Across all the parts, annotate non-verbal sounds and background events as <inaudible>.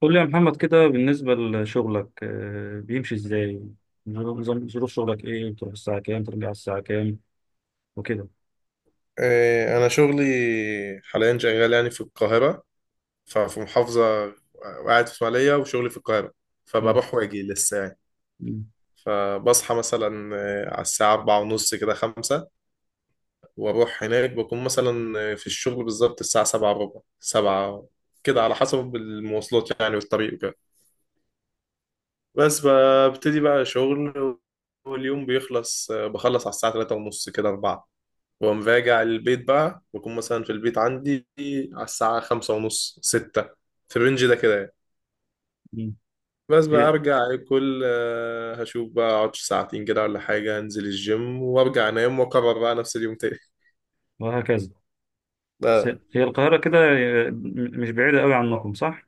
قول لي يا محمد كده بالنسبة لشغلك بيمشي ازاي؟ ظروف شغلك ايه؟ بتروح الساعة كام؟ ترجع الساعة كام؟ وكده. إيه، أنا شغلي حاليا شغال يعني في القاهرة، ففي محافظة، وقاعد في إسماعيلية وشغلي في القاهرة، مم. فبروح وأجي لسه يعني. مم. فبصحى مثلا إيه، على الساعة أربعة ونص كده خمسة، وأروح هناك بكون مثلا إيه، في الشغل بالظبط الساعة سبعة وربع سبعة كده، على حسب المواصلات يعني والطريق وكده، بس ببتدي بقى شغل. واليوم بيخلص بخلص على الساعة تلاتة ونص كده أربعة. واقوم راجع البيت بقى بكون مثلا في البيت عندي على الساعة خمسة ونص ستة، في الرينج ده كده يعني. مم. بس بقى إيه؟ ارجع اكل، هشوف بقى اقعد 2 ساعة كده ولا حاجة، انزل الجيم وارجع انام، واكرر بقى نفس اليوم تاني. وهكذا. <laughs> آه. هي القاهرة كده، مش بعيدة قوي عنكم صح؟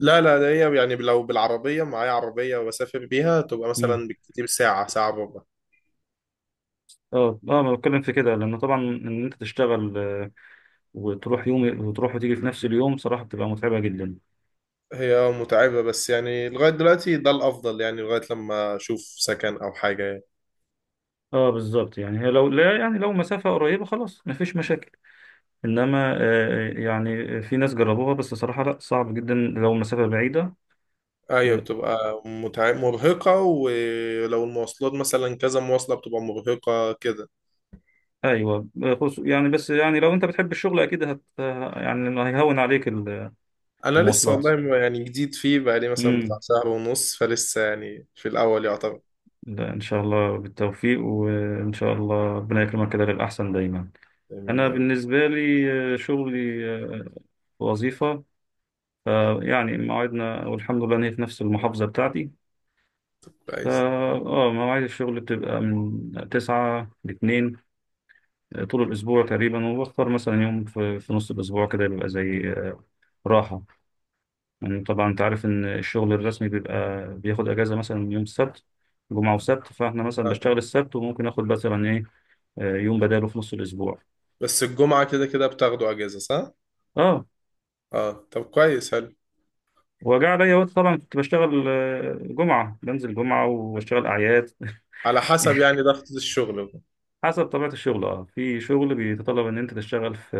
لا لا، ده هي يعني لو بالعربية معايا عربية وبسافر بيها، تبقى مم. مثلا بالكتير ساعة، ساعة وربع. اه اه ما بتكلم في كده لأن طبعا إن أنت تشتغل، وتروح يوم وتروح وتيجي في نفس اليوم صراحة بتبقى متعبة جدا. هي متعبة بس يعني لغاية دلوقتي ده الأفضل يعني، لغاية لما أشوف سكن أو حاجة يعني. اه بالظبط، يعني هي لو لا يعني لو مسافة قريبة خلاص مفيش مشاكل، انما يعني في ناس جربوها بس صراحة لا صعب جدا لو المسافة بعيدة. ايوه، آه، بتبقى مرهقة، ولو المواصلات مثلا كذا مواصلة بتبقى مرهقة كده. ايوه. يعني بس يعني لو انت بتحب الشغل اكيد يعني هيهون عليك انا لسه المواصلات. والله يعني جديد فيه، بقالي مثلا بتاع امم. شهر ونص، فلسه يعني في الاول يعتبر. لا ان شاء الله بالتوفيق، وان شاء الله ربنا يكرمك كده للاحسن دايما. يعني انا يعني بالنسبة لي شغلي وظيفة. يعني مواعيدنا والحمد لله ان هي في نفس المحافظة بتاعتي. فا كويس اه مواعيد الشغل بتبقى من 9 ل 2 طول الأسبوع تقريبا، وبختار مثلا يوم في نص الأسبوع كده بيبقى زي راحة. يعني طبعا أنت عارف إن الشغل الرسمي بيبقى بياخد أجازة مثلا يوم السبت، جمعة وسبت، فإحنا مثلا آه. بشتغل السبت وممكن آخد مثلا إيه، يوم بداله في نص الأسبوع. بس الجمعة كده كده بتاخدوا اجازة صح؟ أه. اه، طب كويس حلو. وجاء عليا وقت طبعا كنت بشتغل، جمعة بنزل جمعة وبشتغل أعياد. على حسب <laughs> يعني ضغط الشغل بقى. حسب طبيعة الشغل، في شغل بيتطلب ان انت تشتغل في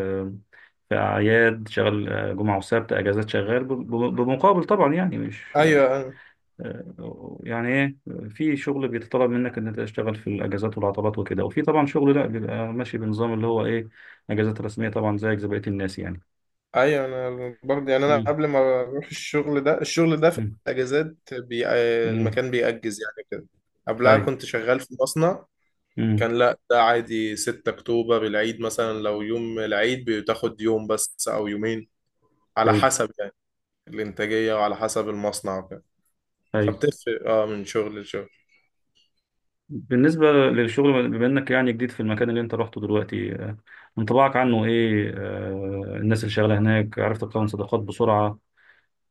اعياد، تشتغل جمعة وسبت اجازات، شغال بمقابل طبعا، يعني مش ايوه انا يعني ايه، في شغل بيتطلب منك ان انت تشتغل في الاجازات والعطلات وكده، وفي طبعا شغل لا بيبقى ماشي بنظام اللي هو ايه، اجازات رسميه طبعا زيك زي بقيه الناس يعني. ايوه انا برضه يعني، انا امم. قبل ما اروح الشغل ده، في امم. الاجازات امم. المكان بيأجز يعني كده. قبلها اي. كنت شغال في مصنع، امم. كان لا ده عادي. 6 اكتوبر العيد مثلا، لو يوم العيد بتاخد يوم بس او يومين، على اي. حسب يعني الانتاجية وعلى حسب المصنع وكده. اي. فبتفرق اه من شغل لشغل. بالنسبه للشغل، بما انك يعني جديد في المكان اللي انت رحته دلوقتي، انطباعك عنه ايه؟ الناس اللي شغاله هناك عرفت تكون صداقات بسرعه؟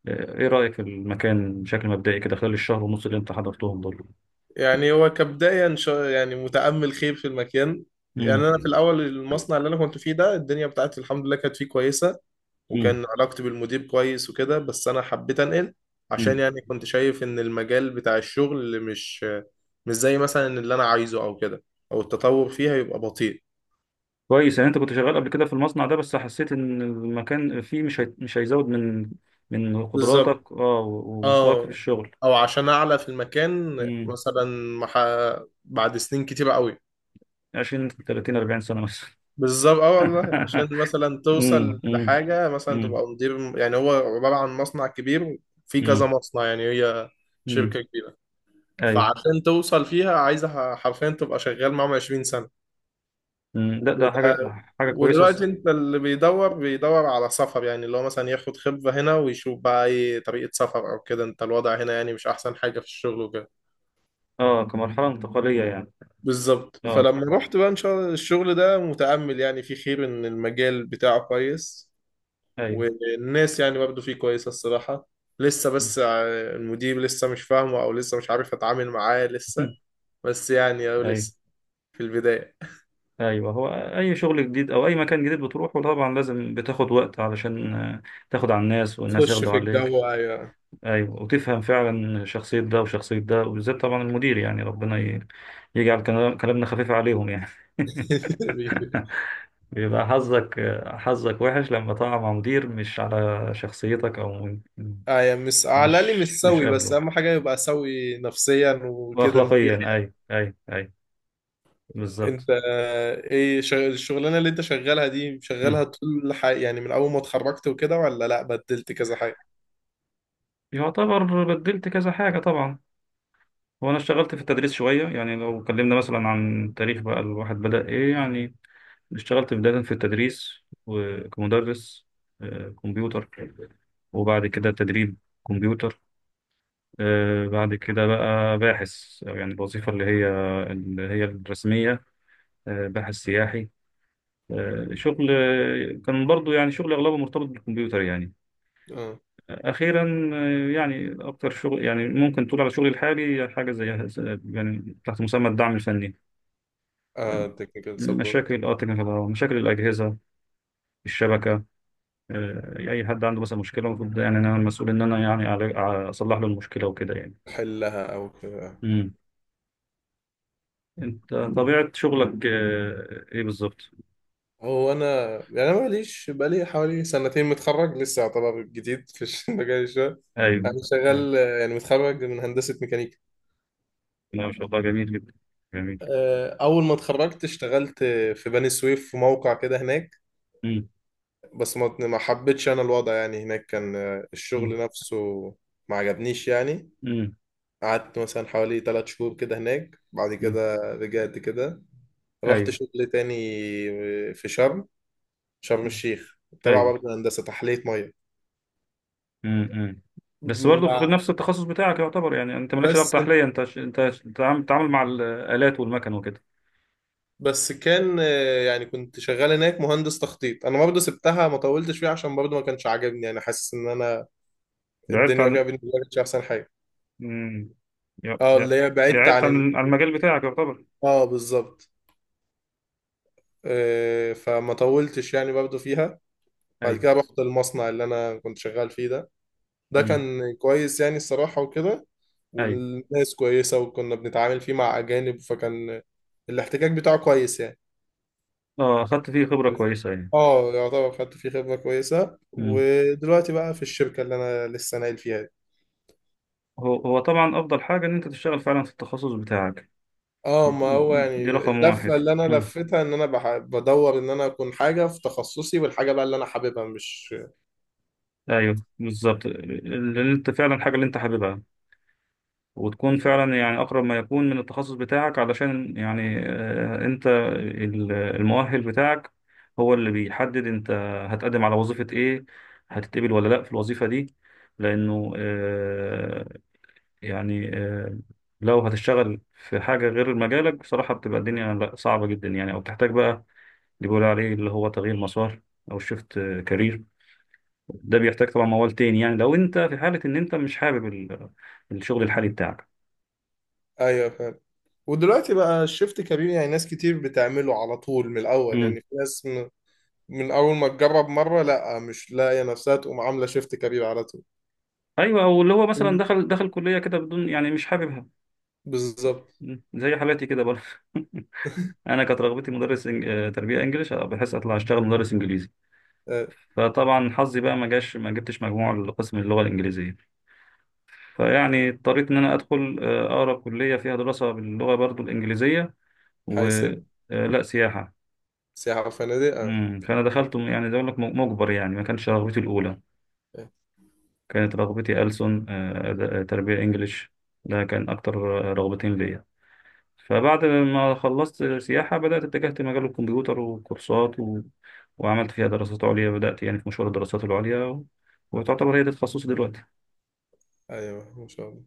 ايه رايك في المكان بشكل مبدئي كده خلال الشهر ونص اللي انت حضرتهم دول؟ يعني هو كبداية، يعني متأمل خير في المكان. امم. يعني انا في الاول المصنع اللي انا كنت فيه ده، الدنيا بتاعتي الحمد لله كانت فيه كويسة، وكان علاقتي بالمدير كويس وكده، بس انا حبيت انقل عشان امم. يعني كنت شايف ان المجال بتاع الشغل مش زي مثلا اللي انا عايزه او كده، او التطور فيها يبقى بطيء. كويس. يعني انت كنت شغال قبل كده في المصنع ده، بس حسيت ان المكان فيه مش هيزود من بالظبط قدراتك، اه ومستواك في اه، الشغل. او عشان اعلى في المكان امم. مثلا، مح... بعد سنين كتيرة قوي. 20 30 40 سنة مثلا. بالظبط اه والله، <laughs> عشان مثلا امم. توصل امم. لحاجة، مثلا امم. تبقى مدير. يعني هو عبارة عن مصنع كبير، في كذا امم. مصنع، يعني هي امم. شركة كبيرة. ايوه. فعشان توصل فيها عايزة حرفيا تبقى شغال معاهم 20 سنة امم. لا ده حاجة، وده. حاجة كويسة ودلوقتي انت اللي بيدور بيدور على سفر، يعني اللي هو مثلا ياخد خبرة هنا ويشوف بقى ايه طريقة سفر او كده، انت الوضع هنا يعني مش احسن حاجة في الشغل وكده. اه، كمرحلة انتقالية يعني. بالظبط. اه فلما رحت بقى ان شاء الله الشغل ده متأمل يعني فيه خير، ان المجال بتاعه كويس. ايوه. والناس يعني برضه فيه كويسة الصراحة، لسه بس <laughs> المدير لسه مش فاهمه، او لسه مش عارف اتعامل معاه لسه، بس يعني، او ايوه لسه في البداية. ايوه. هو اي شغل جديد او اي مكان جديد بتروحه طبعا لازم بتاخد وقت علشان تاخد على الناس والناس تخش ياخدوا في عليك. الجو، ايوه. ايوه. وتفهم فعلا شخصية ده وشخصية ده، وبالذات طبعا المدير. يعني ربنا يجعل كلامنا خفيف عليهم يعني. <laughs> <laughs> بيبقى حظك، حظك وحش لما تقع مع مدير مش على شخصيتك، او ايوه، مش على الاقل مش مش سوي، بس قابله، اهم حاجة يبقى سوي نفسيا وكده مريح. واخلاقيا. اي. اي. اي. بالظبط. انت ايه الشغلانه اللي انت شغالها دي، مم. شغالها طول يعني من اول ما اتخرجت وكده، ولا لا بدلت كذا حاجه؟ يعتبر بدلت كذا حاجة طبعا. وانا اشتغلت في التدريس شوية، يعني لو اتكلمنا مثلا عن تاريخ بقى الواحد بدأ ايه، يعني اشتغلت بداية في التدريس، وكمدرس كمبيوتر، وبعد كده تدريب كمبيوتر، بعد كده بقى باحث، أو يعني الوظيفة اللي هي الرسمية، باحث سياحي. شغل كان برضو يعني شغل أغلبه مرتبط بالكمبيوتر يعني. اه، أخيرا يعني أكتر شغل يعني ممكن تقول على شغلي الحالي حاجة زي، يعني تحت مسمى الدعم الفني. اه، تكنيكال سبورت. مشاكل تكنيكال، مشاكل الأجهزة، الشبكة. اي حد عنده مثلا مشكله، المفروض يعني انا المسؤول ان انا يعني اصلح له المشكله وكده يعني. حلها او كده. امم. انت طبيعه شغلك ايه بالظبط؟ هو انا يعني انا ماليش، بقالي حوالي 2 سنة متخرج، لسه يعتبر جديد في <laughs> مجال الشغل. انا ايوه. أيوة. شغال، يعني متخرج من هندسه ميكانيكا. لا ما شاء الله، جميل جدا، جميل. اول ما اتخرجت اشتغلت في بني سويف، في موقع كده هناك. امم. بس ما حبيتش انا الوضع يعني، هناك كان امم. الشغل نفسه ما عجبنيش يعني. امم. قعدت مثلا حوالي 3 شهور كده هناك، بعد امم. كده رجعت كده، رحت ايوه. شغل تاني في شرم، أمم. الشيخ، تبع ايوه. برضه هندسة تحلية مية. امم. أمم. بس برضه في مع. نفس التخصص بتاعك يعتبر. يعني انت مالكش دعوه بس بالتحليه، انت بتتعامل مع الالات والمكن وكده. بس كان يعني كنت شغال هناك مهندس تخطيط، انا برضه سبتها ما طولتش فيها عشان برضه ما كانش عاجبني يعني، حاسس ان انا بعدت الدنيا عن. فيها بالنسبة لي مش احسن حاجة. امم. يا- اه، يا- اللي هي بعدت بعدت عن عن المجال بتاعك يعتبر. اه، بالظبط. فما طولتش يعني برضه فيها. بعد ايوه. كده رحت المصنع اللي انا كنت شغال فيه ده. ده امم. كان كويس يعني الصراحة وكده، ايوه. والناس كويسة، وكنا بنتعامل فيه مع أجانب، فكان الاحتكاك بتاعه كويس يعني. اه اخدت فيه خبرة كويسة يعني. اه، يعتبر خدت فيه خبرة كويسة، مم. ودلوقتي بقى في الشركة اللي أنا لسه ناقل فيها دي. هو طبعا افضل حاجة ان انت تشتغل فعلا في التخصص بتاعك، اه، ما هو يعني دي رقم اللفة واحد. اللي أنا مم. لفتها إن أنا بدور إن أنا أكون حاجة في تخصصي، والحاجة بقى اللي أنا حاببها، مش. ايوه بالظبط، اللي انت فعلا الحاجه اللي انت حاببها، وتكون فعلا يعني اقرب ما يكون من التخصص بتاعك، علشان يعني انت المؤهل بتاعك هو اللي بيحدد انت هتقدم على وظيفه ايه، هتتقبل ولا لا في الوظيفه دي، لانه يعني لو هتشتغل في حاجة غير مجالك بصراحة بتبقى الدنيا لأ، صعبة جدا يعني، أو بتحتاج بقى اللي بيقولوا عليه اللي هو تغيير مسار، أو شيفت كارير. ده بيحتاج طبعا موال تاني، يعني لو أنت في حالة إن أنت مش حابب الشغل الحالي بتاعك. أيوه فاهم. ودلوقتي بقى الشيفت كبير، يعني ناس كتير بتعمله على طول من الأول، امم. يعني في ناس من اول ما تجرب مره لا مش لاقيه نفسها تقوم عامله شيفت كارير على طول. أيوه. أو اللي هو مثلا دخل كلية كده بدون يعني مش حاببها. بالظبط. مم. زي حالاتي كده برضه. <laughs> <laughs> أنا كانت رغبتي مدرس تربية إنجليش، بحيث أطلع أشتغل مدرس إنجليزي. آه، فطبعا حظي بقى ما جاش، ما جبتش مجموع لقسم اللغة الإنجليزية. فيعني اضطريت ان انا ادخل اقرب كليه فيها دراسه باللغه برضو الانجليزيه، حاسب. ولا سياحه. سياحه وفنادق آه. امم. فانا دخلت يعني زي ما اقول لك مجبر، يعني ما كانش رغبتي الاولى. آه، كانت رغبتي ألسن، تربيه انجليش، ده كان اكتر رغبتين ليا. فبعد ما خلصت سياحه بدات اتجهت لمجال الكمبيوتر وكورسات وعملت فيها دراسات عليا، بدات يعني في مشوار الدراسات العليا وتعتبر هي ده تخصصي دلوقتي. ايوه ما شاء الله.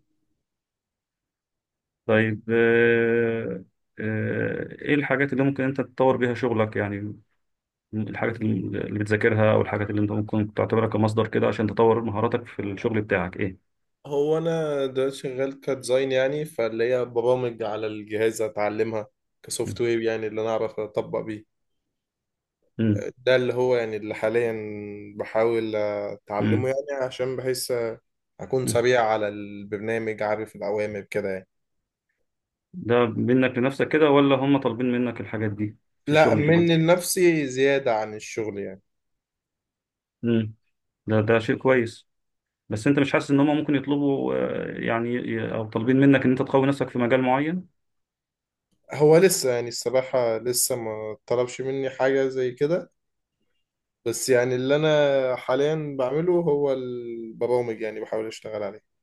طيب ايه الحاجات اللي ممكن انت تطور بيها شغلك؟ يعني الحاجات اللي بتذاكرها، او الحاجات اللي انت ممكن تعتبرها كمصدر كده عشان تطور مهاراتك في الشغل بتاعك ايه؟ هو انا دلوقتي شغال كديزاين، يعني فاللي هي برامج على الجهاز اتعلمها، مم. كسوفت وير يعني، اللي انا اعرف اطبق بيه. مم. ده اللي هو يعني اللي حاليا بحاول اتعلمه، مم. يعني عشان بحيث اكون مم. سريع على البرنامج عارف الاوامر كده يعني. ده منك لنفسك كده، ولا هم طالبين منك الحاجات دي في لا، الشغل الجديد؟ من نفسي زيادة عن الشغل يعني. مم. ده شيء كويس. بس انت مش حاسس ان هم ممكن يطلبوا يعني او طالبين منك ان انت تقوي نفسك في مجال معين؟ هو لسه يعني الصراحة لسه ما طلبش مني حاجة زي كده، بس يعني اللي أنا حاليا بعمله هو البرامج، يعني بحاول أشتغل عليه.